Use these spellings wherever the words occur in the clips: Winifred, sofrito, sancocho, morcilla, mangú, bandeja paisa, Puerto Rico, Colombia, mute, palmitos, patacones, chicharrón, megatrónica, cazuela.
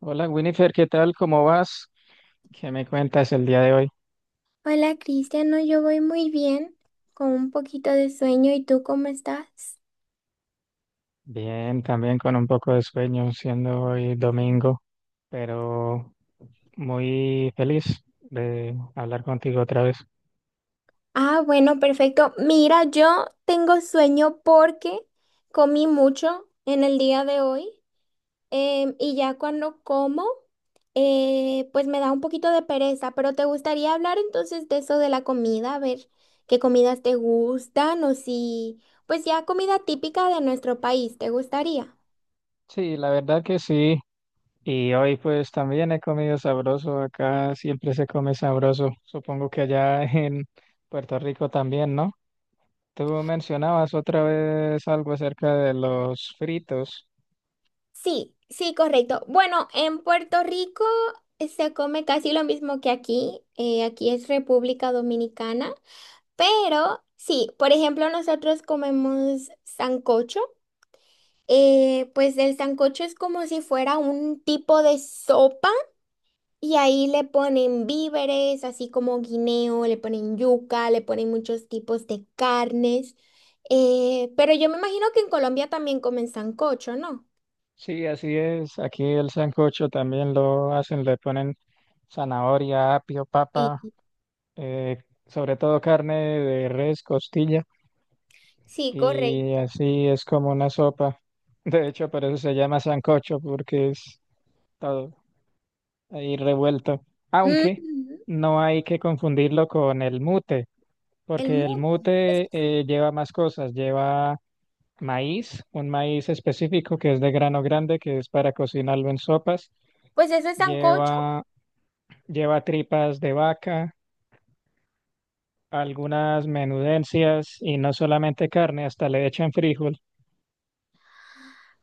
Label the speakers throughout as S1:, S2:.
S1: Hola Winifred, ¿qué tal? ¿Cómo vas? ¿Qué me cuentas el día de hoy?
S2: Hola Cristian, no, yo voy muy bien, con un poquito de sueño. ¿Y tú cómo estás?
S1: Bien, también con un poco de sueño, siendo hoy domingo, pero muy feliz de hablar contigo otra vez.
S2: Ah, bueno, perfecto. Mira, yo tengo sueño porque comí mucho en el día de hoy y ya cuando como, pues me da un poquito de pereza, pero ¿te gustaría hablar entonces de eso de la comida? A ver qué comidas te gustan o si, pues ya comida típica de nuestro país, ¿te gustaría?
S1: Sí, la verdad que sí. Y hoy pues también he comido sabroso. Acá siempre se come sabroso. Supongo que allá en Puerto Rico también, ¿no? Tú mencionabas otra vez algo acerca de los fritos.
S2: Sí, sí, correcto. Bueno, en Puerto Rico se come casi lo mismo que aquí. Aquí es República Dominicana, pero sí, por ejemplo, nosotros comemos sancocho. Pues el sancocho es como si fuera un tipo de sopa y ahí le ponen víveres, así como guineo, le ponen yuca, le ponen muchos tipos de carnes. Pero yo me imagino que en Colombia también comen sancocho, ¿no?
S1: Sí, así es. Aquí el sancocho también lo hacen, le ponen zanahoria, apio,
S2: Sí.
S1: papa, eh, sobre todo carne de res, costilla,
S2: Sí,
S1: y
S2: correcto.
S1: así es como una sopa. De hecho, por eso se llama sancocho, porque es todo ahí revuelto. Aunque
S2: Ujú.
S1: no hay que confundirlo con el mute,
S2: El
S1: porque el
S2: muro. Es-
S1: mute lleva más cosas, lleva maíz, un maíz específico que es de grano grande, que es para cocinarlo en sopas.
S2: Pues ese sancocho.
S1: Lleva, lleva tripas de vaca, algunas menudencias y no solamente carne, hasta le echan frijol.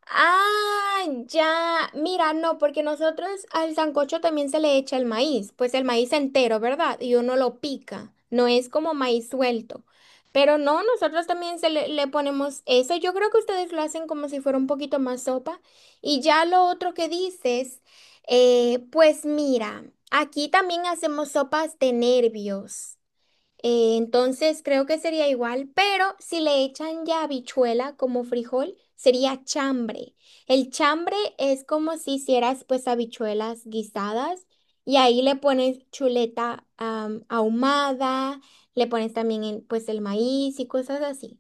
S2: Ah, ya. Mira, no, porque nosotros al sancocho también se le echa el maíz. Pues el maíz entero, ¿verdad? Y uno lo pica. No es como maíz suelto. Pero no, nosotros también se le, le ponemos eso. Yo creo que ustedes lo hacen como si fuera un poquito más sopa. Y ya lo otro que dices, pues mira, aquí también hacemos sopas de nervios. Entonces creo que sería igual, pero si le echan ya habichuela como frijol, sería chambre. El chambre es como si hicieras pues habichuelas guisadas y ahí le pones chuleta ahumada, le pones también el, pues el maíz y cosas así.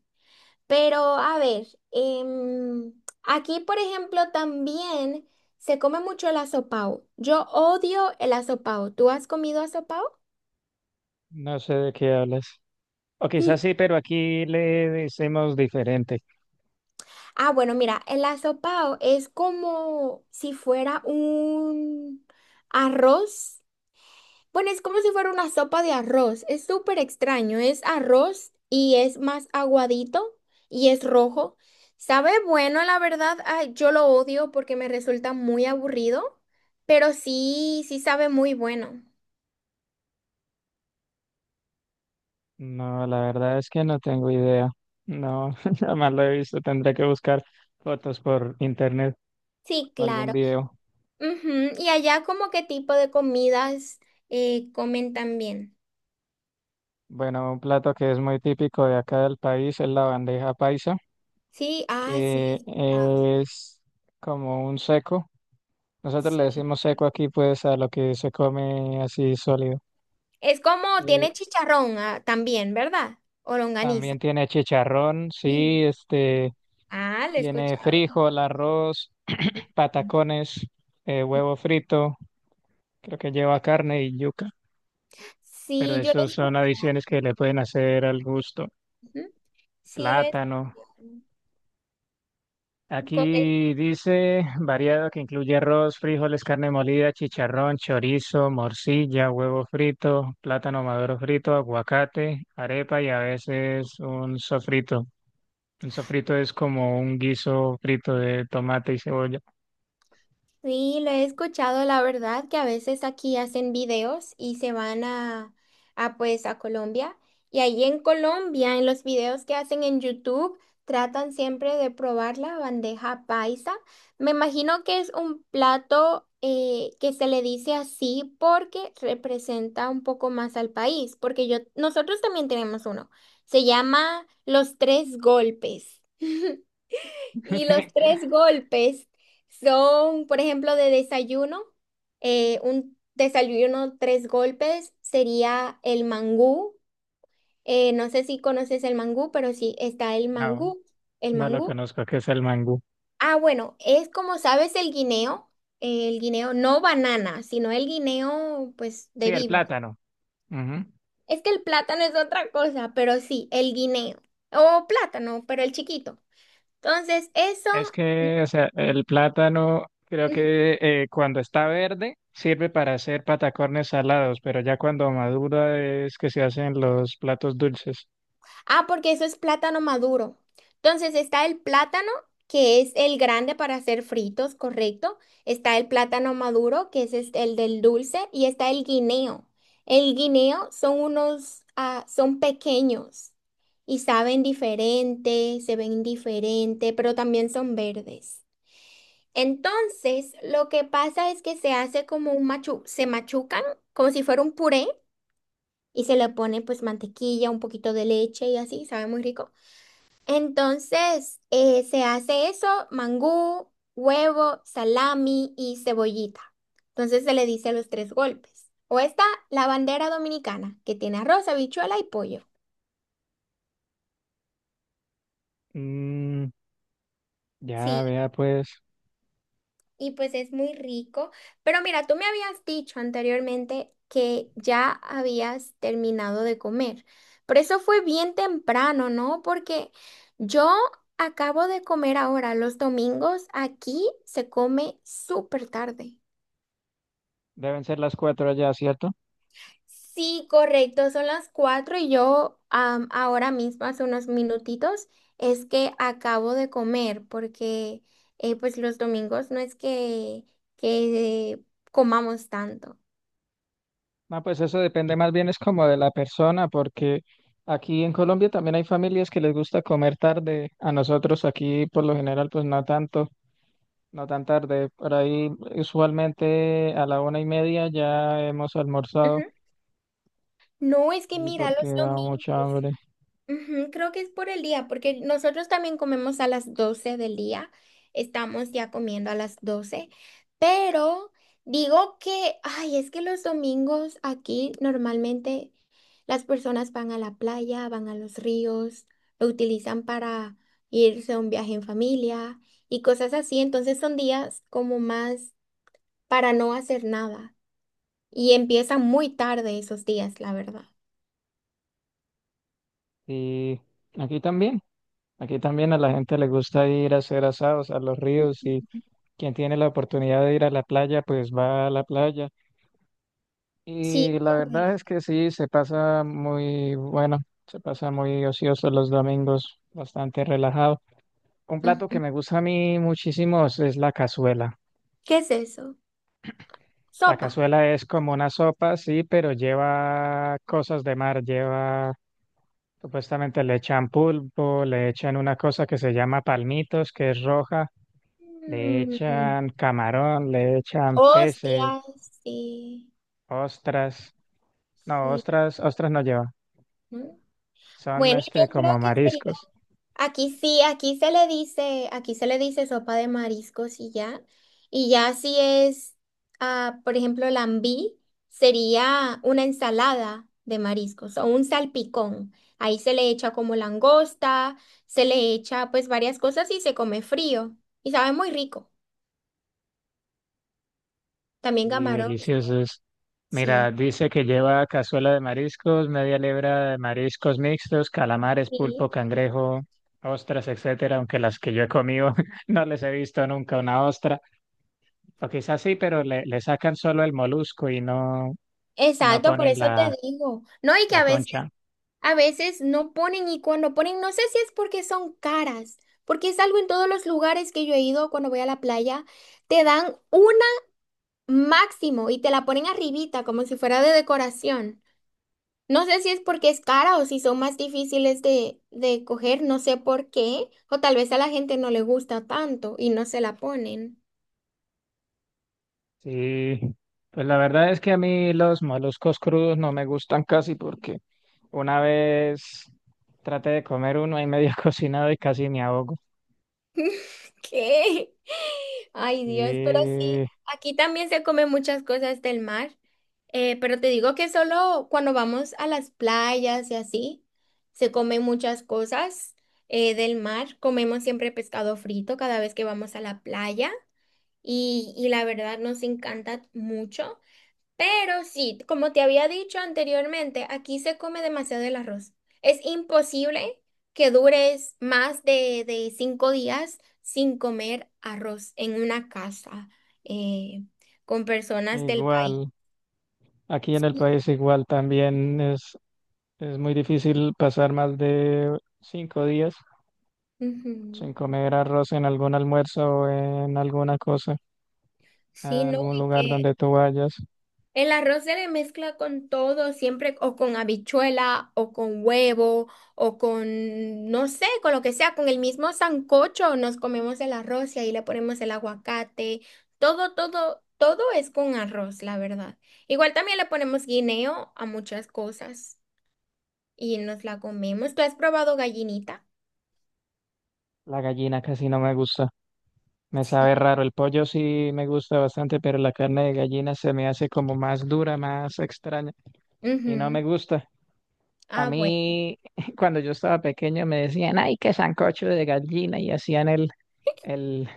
S2: Pero a ver, em, aquí por ejemplo también se come mucho el asopao. Yo odio el asopao. ¿Tú has comido asopao?
S1: No sé de qué hablas. O quizás sí, pero aquí le decimos diferente.
S2: Ah, bueno, mira, el asopao es como si fuera un arroz. Bueno, es como si fuera una sopa de arroz. Es súper extraño. Es arroz y es más aguadito y es rojo. Sabe bueno, la verdad, ah, yo lo odio porque me resulta muy aburrido, pero sí, sí sabe muy bueno.
S1: No, la verdad es que no tengo idea. No, jamás lo he visto. Tendré que buscar fotos por internet
S2: Sí,
S1: o algún
S2: claro.
S1: video.
S2: Ujú. Y allá, ¿como qué tipo de comidas comen también?
S1: Bueno, un plato que es muy típico de acá del país es la bandeja paisa,
S2: Sí, ah, sí, he
S1: que
S2: escuchado.
S1: es como un seco. Nosotros le decimos seco aquí, pues, a lo que se come así sólido.
S2: Es como
S1: Eh,
S2: tiene chicharrón ah, también, ¿verdad? O longaniza.
S1: también tiene chicharrón,
S2: Sí.
S1: sí, este,
S2: Ah, lo he
S1: tiene
S2: escuchado.
S1: frijol, arroz, patacones, huevo frito, creo que lleva carne y yuca, pero
S2: Sí, yo lo
S1: esos
S2: escucho.
S1: son adiciones que le pueden hacer al gusto.
S2: Sí, lo he
S1: Plátano.
S2: escuchado.
S1: Aquí dice variado que incluye arroz, frijoles, carne molida, chicharrón, chorizo, morcilla, huevo frito, plátano maduro frito, aguacate, arepa y a veces un sofrito. Un sofrito es como un guiso frito de tomate y cebolla.
S2: Sí, lo he escuchado, la verdad, que a veces aquí hacen videos y se van a pues a Colombia. Y ahí en Colombia, en los videos que hacen en YouTube, tratan siempre de probar la bandeja paisa. Me imagino que es un plato que se le dice así porque representa un poco más al país, porque yo, nosotros también tenemos uno. Se llama Los Tres Golpes. Y los tres golpes son, por ejemplo, de desayuno. Un desayuno tres golpes sería el mangú. No sé si conoces el mangú, pero sí está el
S1: No,
S2: mangú. El
S1: no lo
S2: mangú.
S1: conozco, ¿qué es el mangú?
S2: Ah, bueno, es como sabes el guineo. El guineo, no banana, sino el guineo, pues,
S1: Sí,
S2: de
S1: el
S2: vibre.
S1: plátano. Ujú.
S2: Es que el plátano es otra cosa, pero sí, el guineo. O plátano, pero el chiquito. Entonces, eso.
S1: Es que, o sea, el plátano creo que cuando está verde sirve para hacer patacones salados, pero ya cuando madura es que se hacen los platos dulces.
S2: Ah, porque eso es plátano maduro. Entonces está el plátano, que es el grande para hacer fritos, correcto. Está el plátano maduro, que es este- el del dulce, y está el guineo. El guineo son unos, ah, son pequeños y saben diferente, se ven diferente, pero también son verdes. Entonces, lo que pasa es que se hace como un machu, se machucan como si fuera un puré y se le pone pues mantequilla, un poquito de leche y así, sabe muy rico. Entonces, se hace eso, mangú, huevo, salami y cebollita. Entonces se le dice los tres golpes. O está la bandera dominicana, que tiene arroz, habichuela y pollo.
S1: Mm, ya,
S2: Sí,
S1: vea, pues
S2: y pues es muy rico. Pero mira, tú me habías dicho anteriormente que ya habías terminado de comer. Pero eso fue bien temprano, ¿no? Porque yo acabo de comer ahora. Los domingos aquí se come súper tarde.
S1: deben ser las cuatro allá, ¿cierto?
S2: Sí, correcto, son las 4 y yo ahora mismo, hace unos minutitos, es que acabo de comer porque pues los domingos no es que comamos tanto.
S1: No, pues eso depende más bien es como de la persona, porque aquí en Colombia también hay familias que les gusta comer tarde. A nosotros aquí por lo general pues no tanto, no tan tarde, por ahí usualmente a la 1:30 ya hemos almorzado,
S2: No, es que
S1: y
S2: mira,
S1: porque
S2: los
S1: da mucha
S2: domingos,
S1: hambre.
S2: ujú, creo que es por el día, porque nosotros también comemos a las 12 del día, estamos ya comiendo a las 12 pero digo que, ay, es que los domingos aquí normalmente las personas van a la playa, van a los ríos, lo utilizan para irse a un viaje en familia y cosas así, entonces son días como más para no hacer nada y empiezan muy tarde esos días, la verdad.
S1: Y aquí también, a la gente le gusta ir a hacer asados a los ríos, y quien tiene la oportunidad de ir a la playa, pues va a la playa. Y
S2: Sí,
S1: la verdad
S2: correcto.
S1: es que sí, se pasa muy bueno, se pasa muy ocioso los domingos, bastante relajado. Un plato que
S2: Ujú.
S1: me gusta a mí muchísimo es la cazuela.
S2: ¿Qué es eso?
S1: La
S2: Sopa.
S1: cazuela es como una sopa, sí, pero lleva cosas de mar, lleva, supuestamente le echan pulpo, le echan una cosa que se llama palmitos, que es roja, le
S2: Mm,
S1: echan camarón, le echan peces,
S2: hostias, sí,
S1: ostras, no,
S2: sí.
S1: ostras no lleva,
S2: ¿No?
S1: son
S2: Bueno,
S1: este
S2: yo creo
S1: como
S2: que sería.
S1: mariscos.
S2: Aquí sí, aquí se le dice, aquí se le dice sopa de mariscos y ya. Y ya si es, ah, por ejemplo, lambí, sería una ensalada de mariscos o un salpicón. Ahí se le echa como langosta, se le echa pues varias cosas y se come frío. Y sabe muy rico. También
S1: Y
S2: camarón,
S1: deliciosos.
S2: sí.
S1: Mira, dice que lleva cazuela de mariscos, media libra de mariscos mixtos, calamares, pulpo,
S2: Sí,
S1: cangrejo, ostras, etcétera, aunque las que yo he comido no les he visto nunca una ostra. O quizás sí, pero le sacan solo el molusco y no, no
S2: exacto, por
S1: ponen
S2: eso
S1: la,
S2: te digo. No, y que
S1: la concha.
S2: a veces no ponen y cuando ponen, no sé si es porque son caras, porque es algo en todos los lugares que yo he ido cuando voy a la playa, te dan una máximo y te la ponen arribita como si fuera de decoración. No sé si es porque es cara o si son más difíciles de coger, no sé por qué, o tal vez a la gente no le gusta tanto y no se la ponen.
S1: Sí, pues la verdad es que a mí los moluscos crudos no me gustan casi porque una vez traté de comer uno ahí medio cocinado y casi me ahogo.
S2: ¿Qué? Ay, Dios, pero sí,
S1: Sí,
S2: aquí también se comen muchas cosas del mar, pero te digo que solo cuando vamos a las playas y así, se comen muchas cosas del mar. Comemos siempre pescado frito cada vez que vamos a la playa y la verdad nos encanta mucho. Pero sí, como te había dicho anteriormente, aquí se come demasiado el arroz. Es imposible que dures más de cinco días sin comer arroz en una casa eh, con personas del país.
S1: igual, aquí en el país igual también es muy difícil pasar más de 5 días
S2: Ujú.
S1: sin comer arroz en algún almuerzo o en alguna cosa, en
S2: Sí, no,
S1: algún
S2: y
S1: lugar
S2: que
S1: donde tú vayas.
S2: el arroz se le mezcla con todo, siempre o con habichuela o con huevo o con, no sé, con lo que sea, con el mismo sancocho nos comemos el arroz y ahí le ponemos el aguacate, todo, todo, todo es con arroz, la verdad. Igual también le ponemos guineo a muchas cosas y nos la comemos. ¿Tú has probado gallinita?
S1: La gallina casi no me gusta, me sabe
S2: Sí.
S1: raro. El pollo sí me gusta bastante, pero la carne de gallina se me hace como más dura, más extraña y no me
S2: Ujú.
S1: gusta. A
S2: Ah, bueno.
S1: mí, cuando yo estaba pequeño, me decían, ay, qué sancocho de gallina, y hacían El,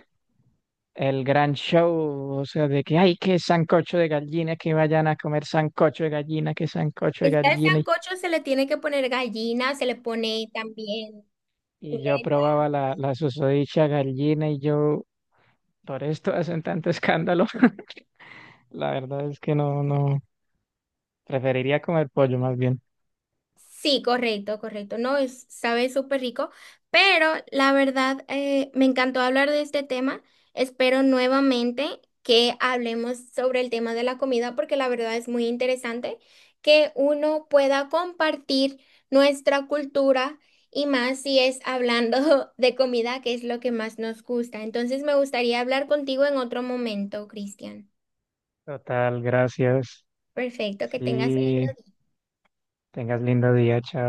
S1: el gran show, o sea, de que hay que sancocho de gallina, que vayan a comer sancocho de gallina, que sancocho de
S2: Este
S1: gallina. Y,
S2: sancocho se le tiene que poner gallina, se le pone también
S1: y yo
S2: chuleta.
S1: probaba la susodicha gallina y yo, ¿por esto hacen tanto escándalo? La verdad es que no, no, preferiría comer pollo más bien.
S2: Sí, correcto, correcto. No, es, sabe súper rico, pero la verdad me encantó hablar de este tema. Espero nuevamente que hablemos sobre el tema de la comida porque la verdad es muy interesante que uno pueda compartir nuestra cultura y más si es hablando de comida, que es lo que más nos gusta. Entonces me gustaría hablar contigo en otro momento, Cristian.
S1: Total, gracias.
S2: Perfecto, que tengas
S1: Sí,
S2: lindo día.
S1: tengas lindo día, chao.